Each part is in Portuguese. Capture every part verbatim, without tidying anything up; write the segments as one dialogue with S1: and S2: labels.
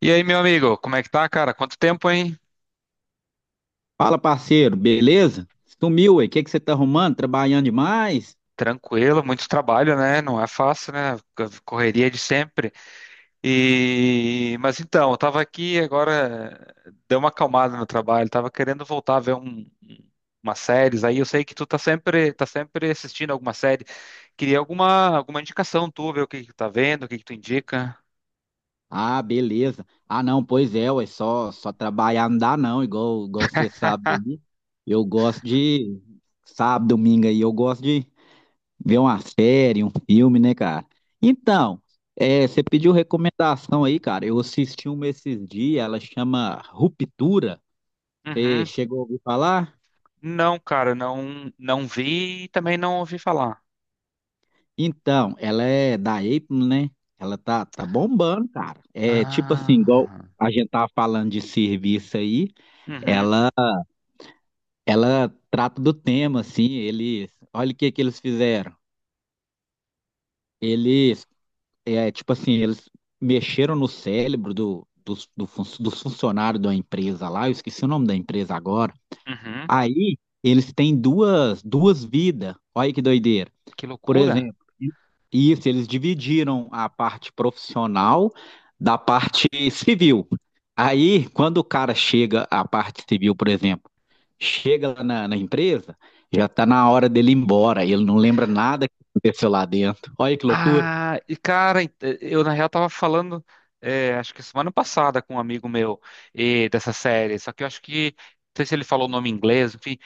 S1: E aí, meu amigo, como é que tá, cara? Quanto tempo, hein?
S2: Fala, parceiro, beleza? Sumiu, ué. O que que você tá arrumando? Trabalhando demais?
S1: Tranquilo, muito trabalho, né? Não é fácil, né? Correria de sempre. E mas então, eu tava aqui agora, deu uma acalmada no trabalho, tava querendo voltar a ver um umas séries aí. Eu sei que tu tá sempre tá sempre assistindo alguma série. Queria alguma alguma indicação tu, ver o que que tu tá vendo, o que que tu indica?
S2: Ah, beleza. Ah, não, pois é, ué. Só, só trabalhar não dá, não. Igual, igual você sabe aí. Eu gosto de. Sábado, domingo aí, eu gosto de ver uma série, um filme, né, cara? Então, é, você pediu recomendação aí, cara. Eu assisti uma esses dias, ela chama Ruptura. Você
S1: Uhum.
S2: chegou a ouvir falar?
S1: Não, cara, não não vi e também não ouvi falar.
S2: Então, ela é da Apple, né? Ela tá, tá bombando, cara. É tipo assim, igual
S1: Ah.
S2: a gente tava falando de serviço aí,
S1: Uhum.
S2: ela, ela trata do tema, assim, eles, olha o que que eles fizeram. Eles, é tipo assim, eles mexeram no cérebro do, dos, do fun- dos funcionários da empresa lá, eu esqueci o nome da empresa agora.
S1: Uhum.
S2: Aí, eles têm duas, duas vidas, olha que doideira.
S1: Que
S2: Por
S1: loucura.
S2: exemplo, isso, eles dividiram a parte profissional da parte civil. Aí, quando o cara chega à parte civil, por exemplo, chega lá na, na empresa, já está na hora dele ir embora, ele não lembra nada que aconteceu lá dentro. Olha que loucura.
S1: Ah, e cara, ent- eh, eu na real tava falando, é, acho que semana passada com um amigo meu e dessa série, só que eu acho que, não sei se ele falou o nome em inglês, enfim,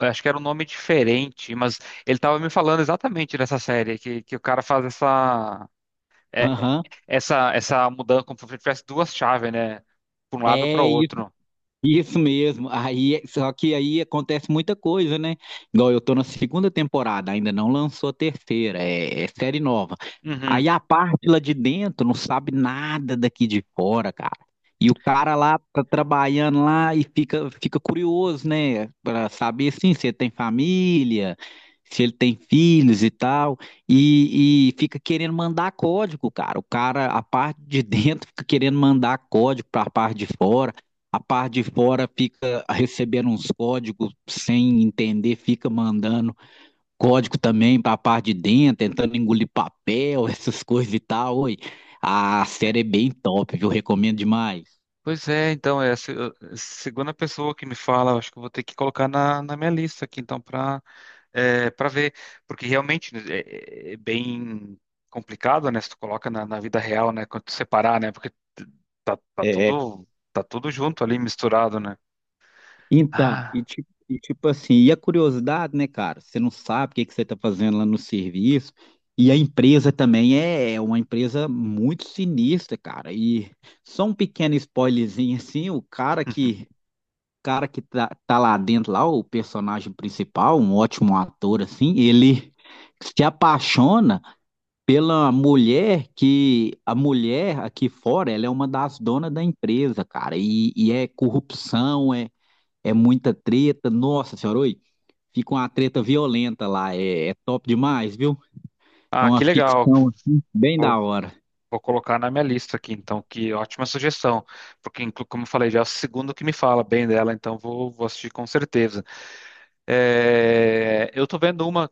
S1: eu acho que era um nome diferente, mas ele tava me falando exatamente dessa série, que, que o cara faz essa, é,
S2: Aham.
S1: essa, essa mudança, como se tivesse duas chaves, né, pra um lado para
S2: É,
S1: o outro.
S2: isso mesmo. Aí, só que aí acontece muita coisa, né? Igual eu tô na segunda temporada, ainda não lançou a terceira, é, é série nova.
S1: Uhum.
S2: Aí a parte lá de dentro não sabe nada daqui de fora, cara. E o cara lá tá trabalhando lá e fica, fica curioso, né? Pra saber assim, se ele tem família, se ele tem filhos e tal. E, e fica querendo mandar código, cara. O cara, a parte de dentro fica querendo mandar código pra parte de fora. A parte de fora fica recebendo uns códigos sem entender, fica mandando código também para a parte de dentro, tentando engolir papel, essas coisas e tal. Oi, a série é bem top, viu? Recomendo demais.
S1: Pois é, então, é a se- a segunda pessoa que me fala. Eu acho que eu vou ter que colocar na, na minha lista aqui, então, é, para ver, porque realmente né, é, é bem complicado, né? Se tu coloca na, na vida real, né? Quando tu separar, né? Porque tá, tá
S2: É,
S1: tudo tá tudo junto ali misturado, né?
S2: então, e
S1: Ah,
S2: tipo, e tipo assim, e a curiosidade, né, cara? Você não sabe o que que você está fazendo lá no serviço. E a empresa também é é uma empresa muito sinistra, cara. E só um pequeno spoilerzinho assim, o cara que cara que tá, tá lá dentro, lá, o personagem principal, um ótimo ator, assim, ele se apaixona pela mulher que a mulher aqui fora, ela é uma das donas da empresa, cara, e, e é corrupção, é, é muita treta, nossa senhora, oi, fica uma treta violenta lá, é, é top demais, viu? É
S1: ah,
S2: uma
S1: que legal.
S2: ficção, assim, bem
S1: Vou,
S2: da hora.
S1: vou colocar na minha lista aqui, então. Que ótima sugestão, porque inclu- como eu falei, já é o segundo que me fala bem dela, então vou, vou assistir com certeza. É, eu tô vendo uma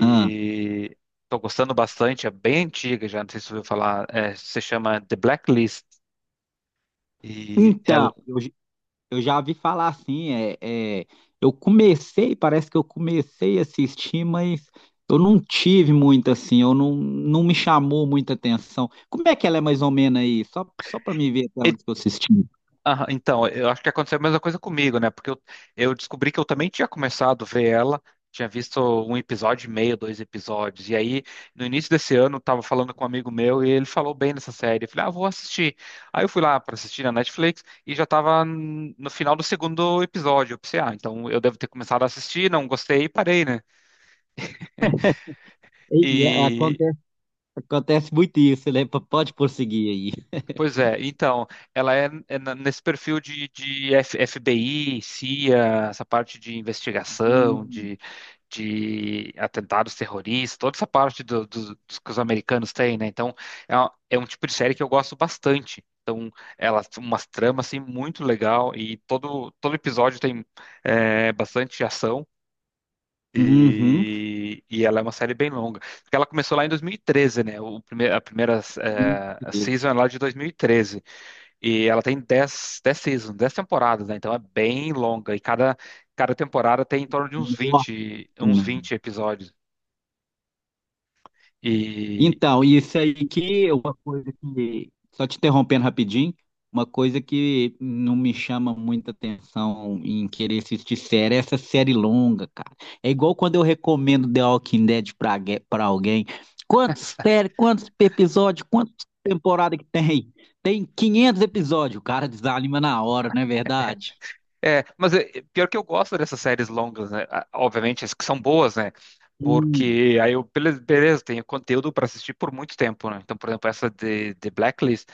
S2: Ah,
S1: estou gostando bastante. É bem antiga já, não sei se você ouviu falar, é, se chama The Blacklist. E
S2: então,
S1: ela,
S2: eu, Eu já vi falar assim, é, é, eu comecei, parece que eu comecei a assistir, mas eu não tive muito assim, eu não, não me chamou muita atenção. Como é que ela é mais ou menos aí? Só, só para me ver até
S1: e-
S2: onde que eu assisti.
S1: ah, então, eu acho que aconteceu a mesma coisa comigo, né? Porque eu, eu descobri que eu também tinha começado a ver ela, tinha visto um episódio e meio, dois episódios. E aí, no início desse ano, eu tava falando com um amigo meu e ele falou bem dessa série. Eu falei, ah, vou assistir. Aí eu fui lá para assistir na Netflix e já tava hum, no final do segundo episódio. Eu pensei, ah, então eu devo ter começado a assistir, não gostei e parei, né?
S2: E, e
S1: E
S2: acontece, acontece muito isso, né? P- Pode prosseguir aí.
S1: Pois é, então, ela é, é na- nesse perfil de, de F- FBI, C I A, essa parte de investigação,
S2: Hum.
S1: de, de atentados terroristas, toda essa parte do- do- dos que os americanos têm, né? Então, é, uma- é um tipo de série que eu gosto bastante. Então, ela tem umas tramas, assim, muito legal, e todo, todo episódio tem é, bastante ação.
S2: Uhum.
S1: E, e ela é uma série bem longa, porque ela começou lá em dois mil e treze, né? O prime- a primeira
S2: Muito
S1: eh,
S2: bem.
S1: season é lá de dois mil e treze. E ela tem dez, 10 seasons, dez temporadas, né? Então é bem longa. E cada, cada temporada tem em torno de uns vinte, uns
S2: Ótimo.
S1: vinte episódios. E.
S2: Então, isso aí que é uma coisa que, só te interrompendo rapidinho, uma coisa que não me chama muita atenção em querer assistir série é essa série longa, cara. É igual quando eu recomendo The Walking Dead pra, gue- pra alguém. Quantos séries, quantos episódios, quantas temporadas que tem? Tem 500 episódios, o cara desanima na hora, não é verdade?
S1: É, mas é, é, pior que eu gosto dessas séries longas, né? Ah, obviamente, as que são boas, né?
S2: Sim,
S1: Porque aí eu, beleza, beleza, tenho conteúdo para assistir por muito tempo, né? Então, por exemplo, essa de, de Blacklist,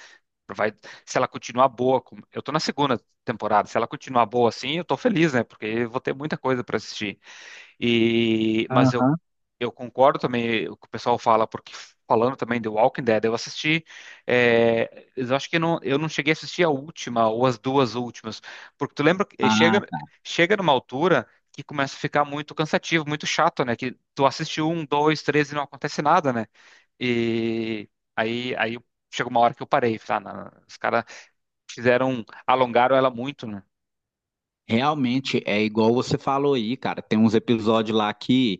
S1: vai, se ela continuar boa, como- eu tô na segunda temporada, se ela continuar boa assim, eu tô feliz, né? Porque eu vou ter muita coisa para assistir. E, mas eu
S2: aham.
S1: Eu concordo também o que o pessoal fala, porque falando também de Walking Dead, eu assisti, é, eu acho que não, eu não cheguei a assistir a última ou as duas últimas, porque tu lembra que eh, chega, chega numa altura que começa a ficar muito cansativo, muito chato, né? Que tu assiste um, dois, três e não acontece nada, né? E aí, aí chega uma hora que eu parei, falei, ah, não, não, os caras fizeram, alongaram ela muito, né?
S2: Realmente é igual você falou aí, cara. Tem uns episódios lá que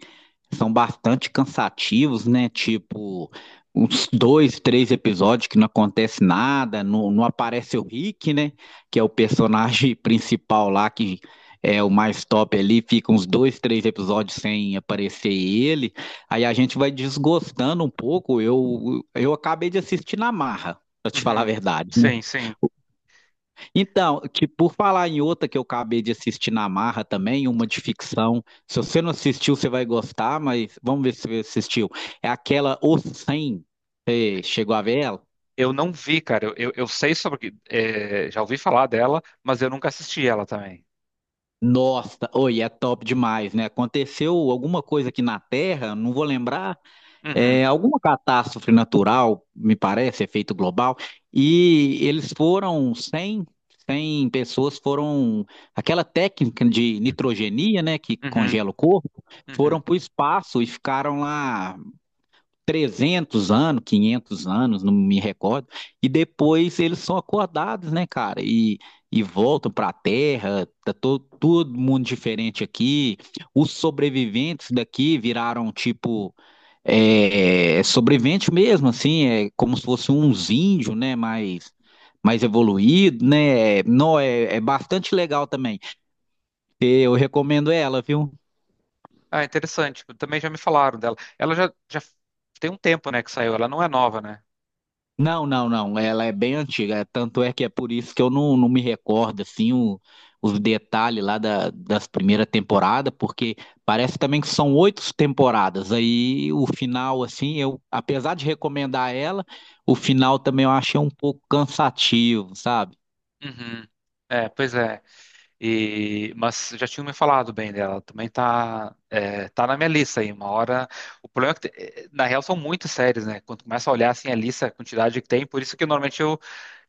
S2: são bastante cansativos, né? Tipo, uns dois, três episódios que não acontece nada, não, não aparece o Rick, né? Que é o personagem principal lá, que é o mais top ali, fica uns dois, três episódios sem aparecer ele. Aí a gente vai desgostando um pouco. Eu, eu acabei de assistir na marra, pra te falar a
S1: Uhum.
S2: verdade.
S1: Sim, sim.
S2: Então, que por falar em outra que eu acabei de assistir na marra também, uma de ficção. Se você não assistiu, você vai gostar, mas vamos ver se você assistiu. É aquela O os cem. Você chegou a ver ela?
S1: Eu não vi, cara. Eu, eu, eu sei sobre. É, já ouvi falar dela, mas eu nunca assisti ela também.
S2: Nossa, oi, é top demais, né? Aconteceu alguma coisa aqui na Terra, não vou lembrar,
S1: Uhum,
S2: é, alguma catástrofe natural, me parece, efeito global, e eles foram cem, 100 pessoas foram, aquela técnica de nitrogenia, né, que
S1: uhum,
S2: congela o corpo, foram
S1: uhum.
S2: para o espaço e ficaram lá trezentos anos, quinhentos anos, não me recordo, e depois eles são acordados, né, cara? E, e voltam para a Terra, tá to, todo mundo diferente aqui. Os sobreviventes daqui viraram tipo é, sobrevivente mesmo, assim, é como se fossem uns índios, né? Mais, mais evoluído, né? Não, é, é bastante legal também. Eu recomendo ela, viu?
S1: Ah, interessante. Também já me falaram dela. Ela já, já tem um tempo, né, que saiu. Ela não é nova, né?
S2: Não, não, não. Ela é bem antiga. É, tanto é que é por isso que eu não, não me recordo assim o- os detalhes lá da, das primeiras temporadas, porque parece também que são oito temporadas. Aí o final, assim, eu, apesar de recomendar ela, o final também eu achei um pouco cansativo, sabe?
S1: Uhum. É, pois é. E, mas já tinham me falado bem dela. Também tá, é, tá na minha lista aí. Uma hora. O problema é que, te- eh, na real, são muitas séries, né? Quando começa a olhar assim a lista, a quantidade que tem, por isso que normalmente eu,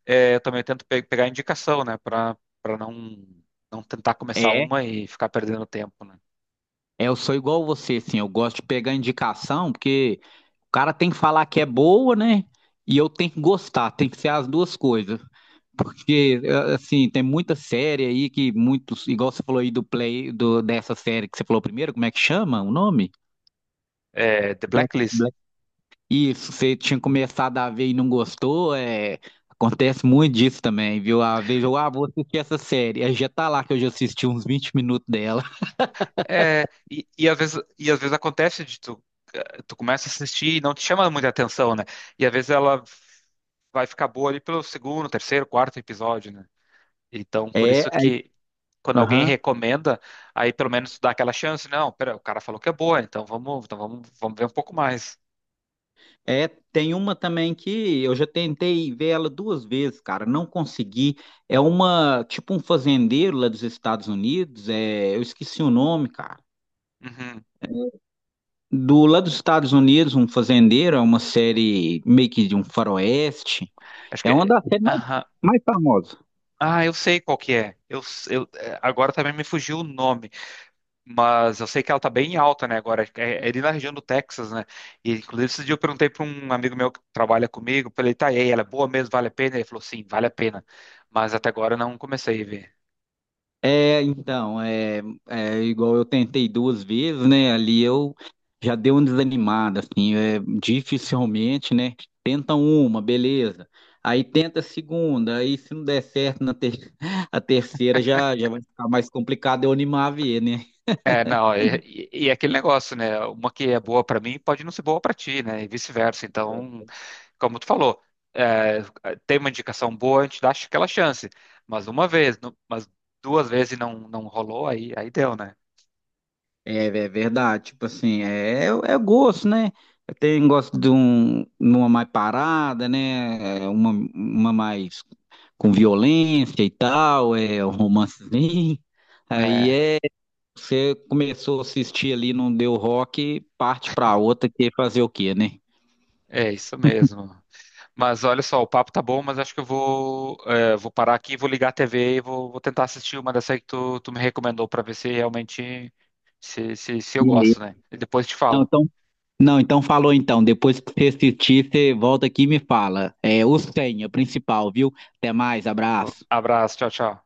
S1: é, eu também tento pe- pegar indicação, né, para para não não tentar começar
S2: É,
S1: uma e ficar perdendo tempo, né?
S2: é, eu sou igual você, assim, eu gosto de pegar indicação, porque o cara tem que falar que é boa, né? E eu tenho que gostar, tem que ser as duas coisas. Porque, eh, assim, tem muita série aí que muitos, igual você falou aí do play, do, dessa série que você falou primeiro, como é que chama o nome?
S1: É, The Blacklist.
S2: Black- Isso, você tinha começado a ver e não gostou, é, acontece muito disso também, viu? Às vezes eu, ah, vou assistir essa série, aí já tá lá que eu já assisti uns vinte minutos dela.
S1: É, e, e às vezes e às vezes acontece de tu eh, tu começa a assistir e não te chama muita atenção, né? E às vezes ela vai ficar boa ali pelo segundo, terceiro, quarto episódio, né? Então, por
S2: É,
S1: isso
S2: aí,
S1: que quando alguém
S2: aham.
S1: recomenda, aí pelo menos tu dá aquela chance. Não, pera, o cara falou que é boa, então vamos, então vamos, vamos ver um pouco mais.
S2: É, tem uma também que eu já tentei ver ela duas vezes, cara, não consegui. É uma, tipo um fazendeiro lá dos Estados Unidos, é, eu esqueci o nome, cara.
S1: Uhum.
S2: Do lá dos Estados Unidos, um fazendeiro, é uma série meio que de um faroeste.
S1: Acho que
S2: É uma
S1: é.
S2: das séries mais, mais famosas.
S1: Ah, eu sei qual que é. Eu, eu- é, agora também me fugiu o nome, mas eu sei que ela tá bem alta, né, agora. É, é ali na região do Texas, né? E, inclusive, esse dia eu perguntei para um amigo meu que trabalha comigo, falei, tá, e aí, ela é boa mesmo, vale a pena? Ele falou, sim, vale a pena. Mas até agora eu não comecei a ver.
S2: É, então, é, é igual eu tentei duas vezes, né? Ali eu já dei uma desanimada, assim, é, dificilmente, né? Tenta uma, beleza. Aí tenta a segunda, aí se não der certo na ter- a terceira já, já vai ficar mais complicado eu animar a ver, né?
S1: É, não, e, e- e é aquele negócio, né? Uma que é boa para mim pode não ser boa para ti, né? E vice-versa. Então, como tu falou, é, tem uma indicação boa, a gente dá aquela chance. Mas uma vez, nu- mas duas vezes e não, não rolou, aí, aí deu, né?
S2: É, é verdade, tipo assim, é, é é gosto, né? Tem gosto de um, uma mais parada, né? É, Uma, uma mais com violência e tal, é um romancezinho. Aí
S1: É,
S2: é, você começou a assistir ali, não deu rock, parte pra outra, que é fazer o quê, né?
S1: é isso mesmo. Mas olha só, o papo tá bom, mas acho que eu vou, é, vou parar aqui, vou ligar a T V e vou, vou tentar assistir uma dessa aí que tu, tu me recomendou, pra ver se realmente se, se, se eu
S2: Beleza.
S1: gosto, né? E depois te
S2: Não,
S1: falo.
S2: então, não, então falou então, depois que você assistir, você volta aqui e me fala. É, o senha, principal, viu? Até mais, abraço.
S1: Abraço, tchau, tchau.